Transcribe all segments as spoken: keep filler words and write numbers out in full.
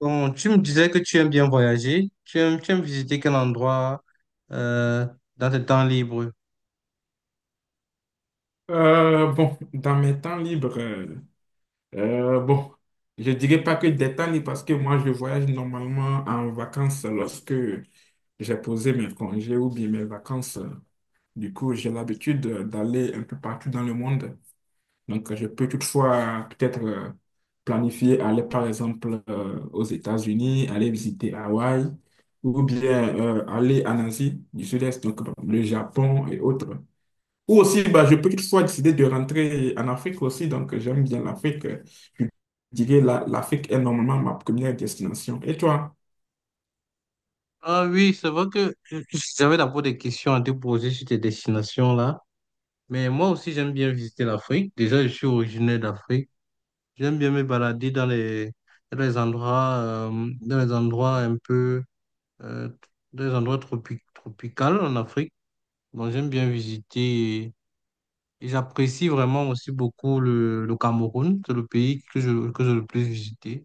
Bon, tu me disais que tu aimes bien voyager. Tu aimes, tu aimes visiter quel endroit euh, dans tes temps libres? Euh, bon, dans mes temps libres, euh, euh, bon, je dirais pas que des temps libres parce que moi, je voyage normalement en vacances lorsque j'ai posé mes congés ou bien mes vacances. Du coup, j'ai l'habitude d'aller un peu partout dans le monde. Donc, je peux toutefois peut-être euh, planifier aller par exemple euh, aux États-Unis, aller visiter Hawaï ou bien euh, aller en Asie du Sud-Est, donc bon, le Japon et autres. Ou aussi, bah, je peux toutefois décider de rentrer en Afrique aussi, donc j'aime bien l'Afrique. Je dirais la- L'Afrique est normalement ma première destination. Et toi? Ah oui, c'est vrai que euh, j'avais d'abord des questions à te poser sur tes destinations là. Mais moi aussi, j'aime bien visiter l'Afrique. Déjà, je suis originaire d'Afrique. J'aime bien me balader dans les, dans les endroits, euh, dans les endroits un peu, euh, dans les endroits tropi- tropicaux en Afrique. Bon, j'aime bien visiter. Et j'apprécie vraiment aussi beaucoup le, le Cameroun. C'est le pays que je, que j'ai le plus visité.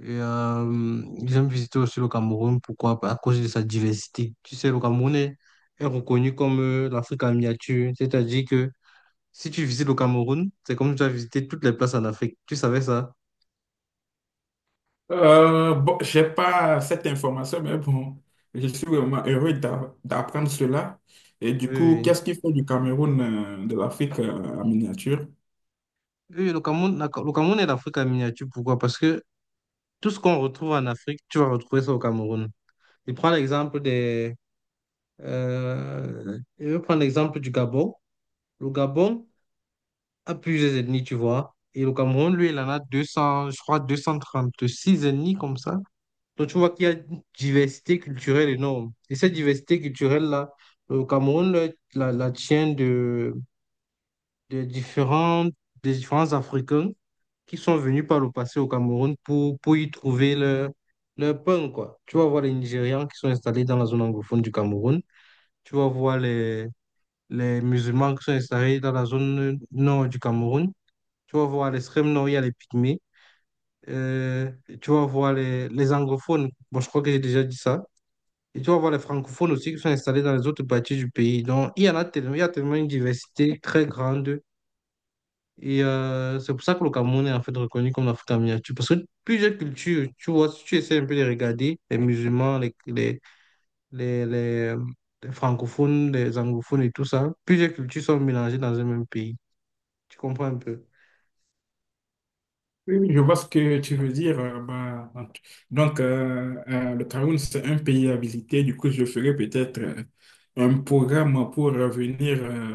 Et euh, j'aime visiter aussi le Cameroun. Pourquoi? À cause de sa diversité. Tu sais, le Cameroun est, est reconnu comme euh, l'Afrique en miniature. C'est-à-dire que si tu visites le Cameroun, c'est comme si tu as visité toutes les places en Afrique. Tu savais ça? Euh, bon, j'ai pas cette information, mais bon, je suis vraiment heureux d'a- d'apprendre cela. Et Oui, du coup, oui. qu'est-ce qu'il faut du Cameroun, euh, de l'Afrique euh, en miniature? Oui, le Cameroun, la- le Cameroun est l'Afrique en miniature. Pourquoi? Parce que tout ce qu'on retrouve en Afrique, tu vas retrouver ça au Cameroun. Je prends l'exemple des... Euh, je vais prendre l'exemple du Gabon. Le Gabon a plusieurs ethnies, tu vois. Et le Cameroun, lui, il en a deux cents, je crois, deux cent trente six ennemis comme ça. Donc, tu vois qu'il y a une diversité culturelle énorme. Et cette diversité culturelle-là, le Cameroun le- la, la tient de, de différents, des différents Africains qui sont venus par le passé au Cameroun pour, pour y trouver leur, leur pain, quoi. Tu vas voir les Nigérians qui sont installés dans la zone anglophone du Cameroun. Tu vas voir les, les musulmans qui sont installés dans la zone nord du Cameroun. Tu vas voir les Sremno, il y les Pygmées. Euh, Tu vas voir les, les anglophones. Bon, je crois que j'ai déjà dit ça. Et tu vas voir les francophones aussi qui sont installés dans les autres parties du pays. Donc, il y en a tellement, il y a tellement une diversité très grande. Et euh, c'est pour ça que le Cameroun est en fait reconnu comme l'Afrique en miniature. Parce que plusieurs cultures, tu vois, si tu essaies un peu de regarder, les musulmans, les, les, les, les, les francophones, les anglophones et tout ça, plusieurs cultures sont mélangées dans un même pays. Tu comprends un peu? Oui, oui, je vois ce que tu veux dire. Euh, bah, donc, euh, euh, le Cameroun, c'est un pays à visiter. Du coup, je ferai peut-être euh, un programme pour revenir euh,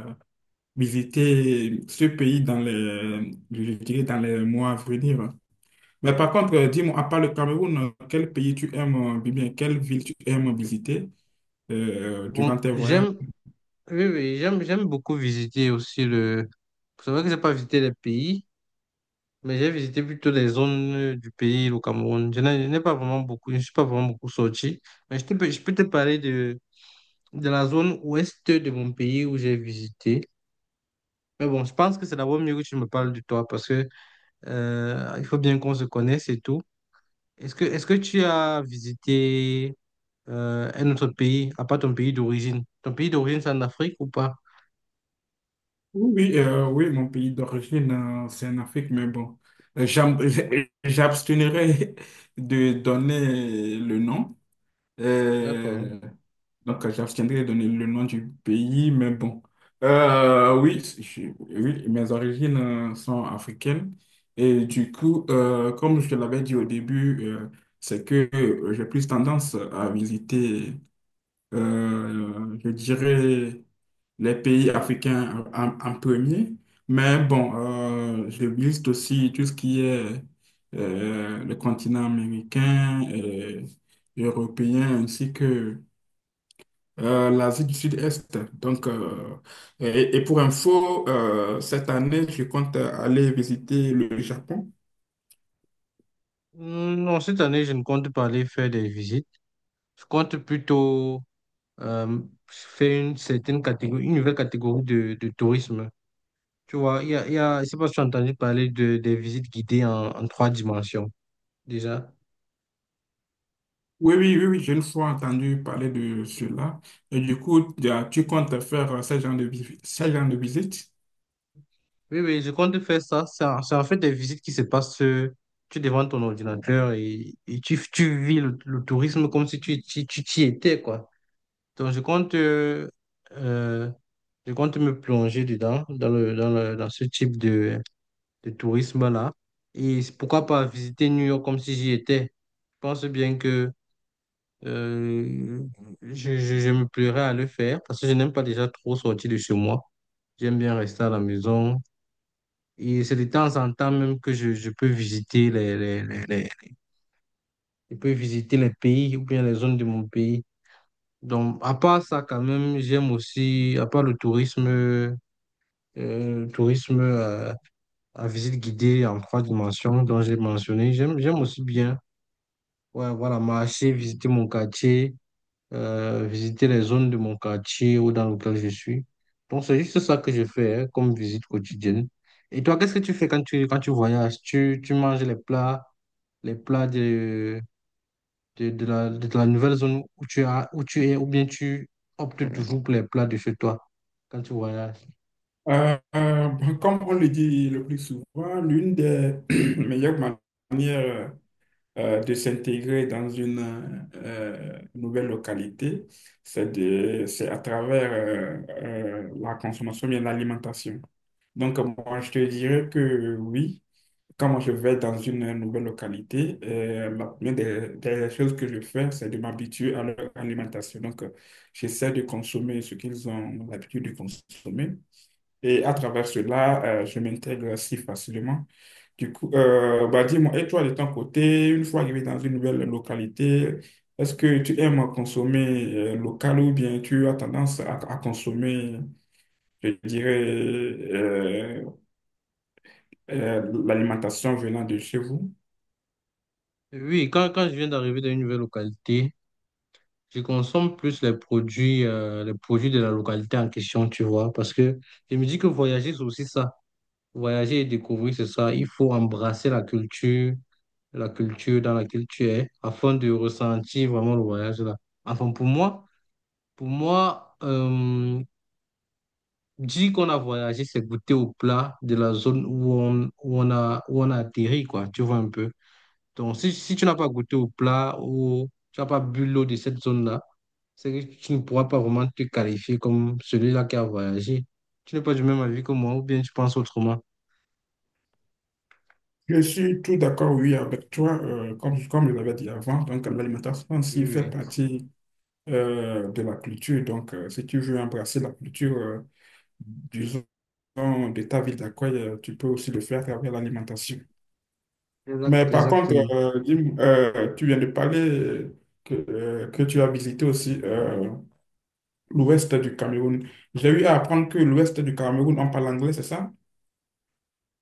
visiter ce pays dans les, je dirais dans les mois à venir. Mais par contre, euh, dis-moi, à part le Cameroun, euh, quel pays tu aimes, euh, bien, quelle ville tu aimes visiter euh, durant Bon, tes voyages? j'aime Oui, oui, j'aime, j'aime beaucoup visiter aussi le... C'est vrai que j'ai pas visité les pays, mais j'ai visité plutôt les zones euh, du pays, le Cameroun. Je n'ai je n'ai pas vraiment beaucoup, je suis pas vraiment beaucoup sorti, mais je te peux, je peux te parler de, de la zone ouest de mon pays où j'ai visité. Mais bon, je pense que c'est d'abord mieux que tu me parles de toi parce que euh, il faut bien qu'on se connaisse et tout. Est-ce que, est-ce que tu as visité euh, un autre pays, à part ton pays d'origine? Ton pays d'origine, c'est en Afrique ou pas? Oui, euh, oui, mon pays d'origine, euh, c'est en Afrique, mais bon, euh, j'ab- j'abstiendrai de donner le nom. D'accord. Euh, donc, euh, J'abstiendrai de donner le nom du pays, mais bon. Euh, oui, je- oui, mes origines euh, sont africaines. Et du coup, euh, comme je te l'avais dit au début, euh, c'est que euh, j'ai plus tendance à visiter euh, je dirais les pays africains en, en premier. Mais bon, euh, je liste aussi tout ce qui est euh, le continent américain, et européen, ainsi que euh, l'Asie du Sud-Est. Donc, euh, et, et pour info, euh, cette année, je compte aller visiter le Japon. Hmm. Non, cette année, je ne compte pas aller faire des visites. Je compte plutôt euh, faire une certaine catégorie, une nouvelle catégorie de, de tourisme. Tu vois, il y a, il y a, je sais pas si tu as entendu parler de, des visites guidées en, en trois dimensions, déjà. Oui, oui, oui, oui, j'ai une fois entendu parler de cela. Et du coup, tu tu comptes faire euh, ce genre de, vi- ce genre de visite? Oui, oui, je compte faire ça. C'est en, c'est en fait des visites qui se passent. Euh, tu es devant ton ordinateur et, et tu, tu vis le, le tourisme comme si tu, tu, tu t'y étais, quoi. Donc, je compte, euh, euh, je compte me plonger dedans, dans le, dans le, dans ce type de, de tourisme-là. Et c'est pourquoi pas visiter New York comme si j'y étais. Je pense bien que euh, je, je, je me plairais à le faire parce que je n'aime pas déjà trop sortir de chez moi. J'aime bien rester à la maison et c'est de temps en temps même que je, je peux visiter les, les, les, les- je peux visiter les pays ou bien les zones de mon pays. Donc, à part ça, quand même, j'aime aussi, à part le tourisme, euh, le tourisme euh, à visite guidée en trois dimensions dont j'ai mentionné, j'aime, j'aime aussi bien, ouais, voilà, marcher, visiter mon quartier, euh, visiter les zones de mon quartier ou dans lequel je suis. Donc, c'est juste ça que je fais hein, comme visite quotidienne. Et toi, qu'est-ce que tu fais quand tu, quand tu voyages? Tu, tu manges les plats, les plats de, de, de la, de la nouvelle zone où tu as, où tu es, ou bien tu optes toujours pour les plats de chez toi quand tu voyages? Euh, euh, bon, comme on le dit le plus souvent, l'une des meilleures manières euh, de s'intégrer dans une euh, nouvelle localité, c'est de, c'est à travers euh, euh, la consommation et l'alimentation. Donc, euh, moi, je te dirais que oui, quand moi je vais dans une nouvelle localité, euh, la première des, des choses que je fais, c'est de m'habituer à leur alimentation. Donc, euh, j'essaie de consommer ce qu'ils ont l'habitude de consommer. Et à travers cela, euh, je m'intègre si facilement. Du coup, euh, bah dis-moi, et toi de ton côté, une fois arrivé dans une nouvelle localité, est-ce que tu aimes consommer euh, local ou bien tu as tendance à, à consommer, je dirais, euh, euh, l'alimentation venant de chez vous? Oui, quand, quand je viens d'arriver dans une nouvelle localité, je consomme plus les produits, euh, les produits de la localité en question, tu vois, parce que je me dis que voyager, c'est aussi ça. Voyager et découvrir, c'est ça. Il faut embrasser la culture, la culture dans laquelle tu es, afin de ressentir vraiment le voyage là. Enfin, pour moi, pour moi, euh, dire qu'on a voyagé, c'est goûter au plat de la zone où on, où on a, où on a atterri, quoi. Tu vois un peu. Donc, si, si tu n'as pas goûté au plat ou tu n'as pas bu l'eau de cette zone-là, c'est que tu ne pourras pas vraiment te qualifier comme celui-là qui a voyagé. Tu n'es pas du même avis que moi, ou bien tu penses autrement. Je suis tout d'accord, oui, avec toi, euh, comme, comme je l'avais dit avant, donc l'alimentation Oui, aussi fait oui, partie euh, de la culture. Donc, euh, si tu veux embrasser la culture, euh, de ta ville d'accueil, euh, tu peux aussi le faire à travers l'alimentation. Mais exact, par contre, exactement. euh, dis-moi, euh, tu viens de parler que, euh, que tu as visité aussi euh, l'ouest du Cameroun. J'ai eu à apprendre que l'ouest du Cameroun, on parle anglais, c'est ça?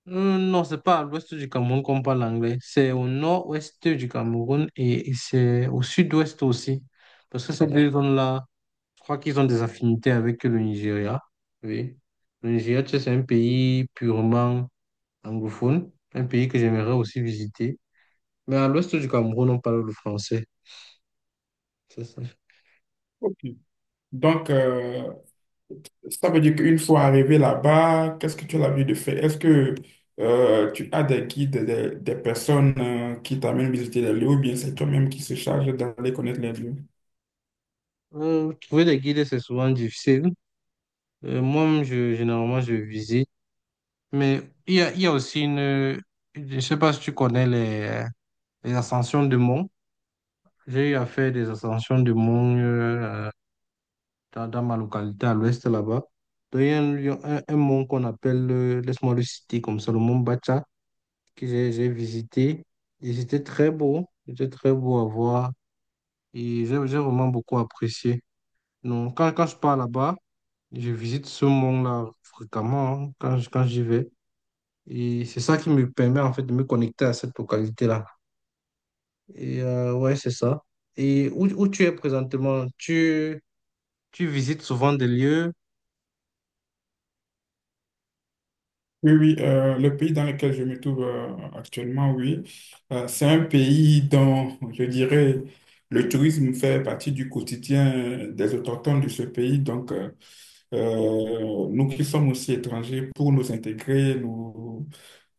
Euh, non, c'est pas à l'ouest du Cameroun qu'on parle anglais. C'est au nord-ouest du Cameroun et, et c'est au sud-ouest aussi. Parce que ces deux zones-là, je crois qu'ils ont des affinités avec le Nigeria. Oui. Le Nigeria, tu sais, c'est un pays purement anglophone, un pays que j'aimerais aussi visiter. Mais à l'ouest du Cameroun, on parle le français. C'est ça. Ok. Donc, euh, ça veut dire qu'une fois arrivé là-bas, qu'est-ce que tu as l'habitude de faire? Est-ce que euh, tu as des guides, des, des personnes euh, qui t'amènent visiter les lieux ou bien c'est toi-même qui se charge d'aller connaître les lieux? Euh, trouver des guides, c'est souvent difficile. Euh, moi-même, je, généralement, je visite. Mais il y a, il y a aussi une... Je sais pas si tu connais les... Les ascensions de mont. J'ai eu à faire des ascensions de mont euh, dans, dans ma localité à l'ouest là-bas. Donc, il y a un, lieu- un- un mont qu'on appelle, euh, laisse-moi le citer comme ça, le mont Bacha, que j'ai j'ai visité. Et c'était très beau, c'était très beau à voir. Et j'ai j'ai vraiment beaucoup apprécié. Donc, quand, quand je pars là-bas, je visite ce mont-là fréquemment hein, quand, je- quand j'y vais. Et c'est ça qui me permet en fait de me connecter à cette localité-là. Et euh, ouais, c'est ça. Et où, où tu es présentement? Tu, tu visites souvent des lieux? Oui, oui, euh, le pays dans lequel je me trouve euh, actuellement, oui, euh, c'est un pays dont je dirais le tourisme fait partie du quotidien des autochtones de ce pays. Donc, euh, Euh, nous qui sommes aussi étrangers, pour nous intégrer, nous,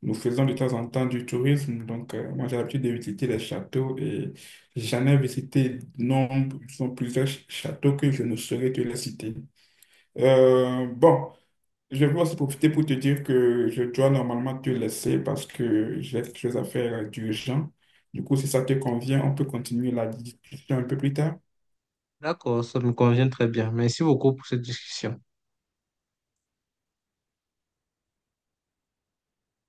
nous faisons de temps en temps du tourisme. Donc, euh, moi, j'ai l'habitude de visiter les châteaux et j'en ai visité nombre, sont plusieurs ch- châteaux que je ne saurais te les citer. Euh, bon, je veux aussi profiter pour te dire que je dois normalement te laisser parce que j'ai quelque chose à faire euh, d'urgent. Du coup, si ça te convient, on peut continuer la discussion un peu plus tard. D'accord, ça me convient très bien. Merci beaucoup pour cette discussion.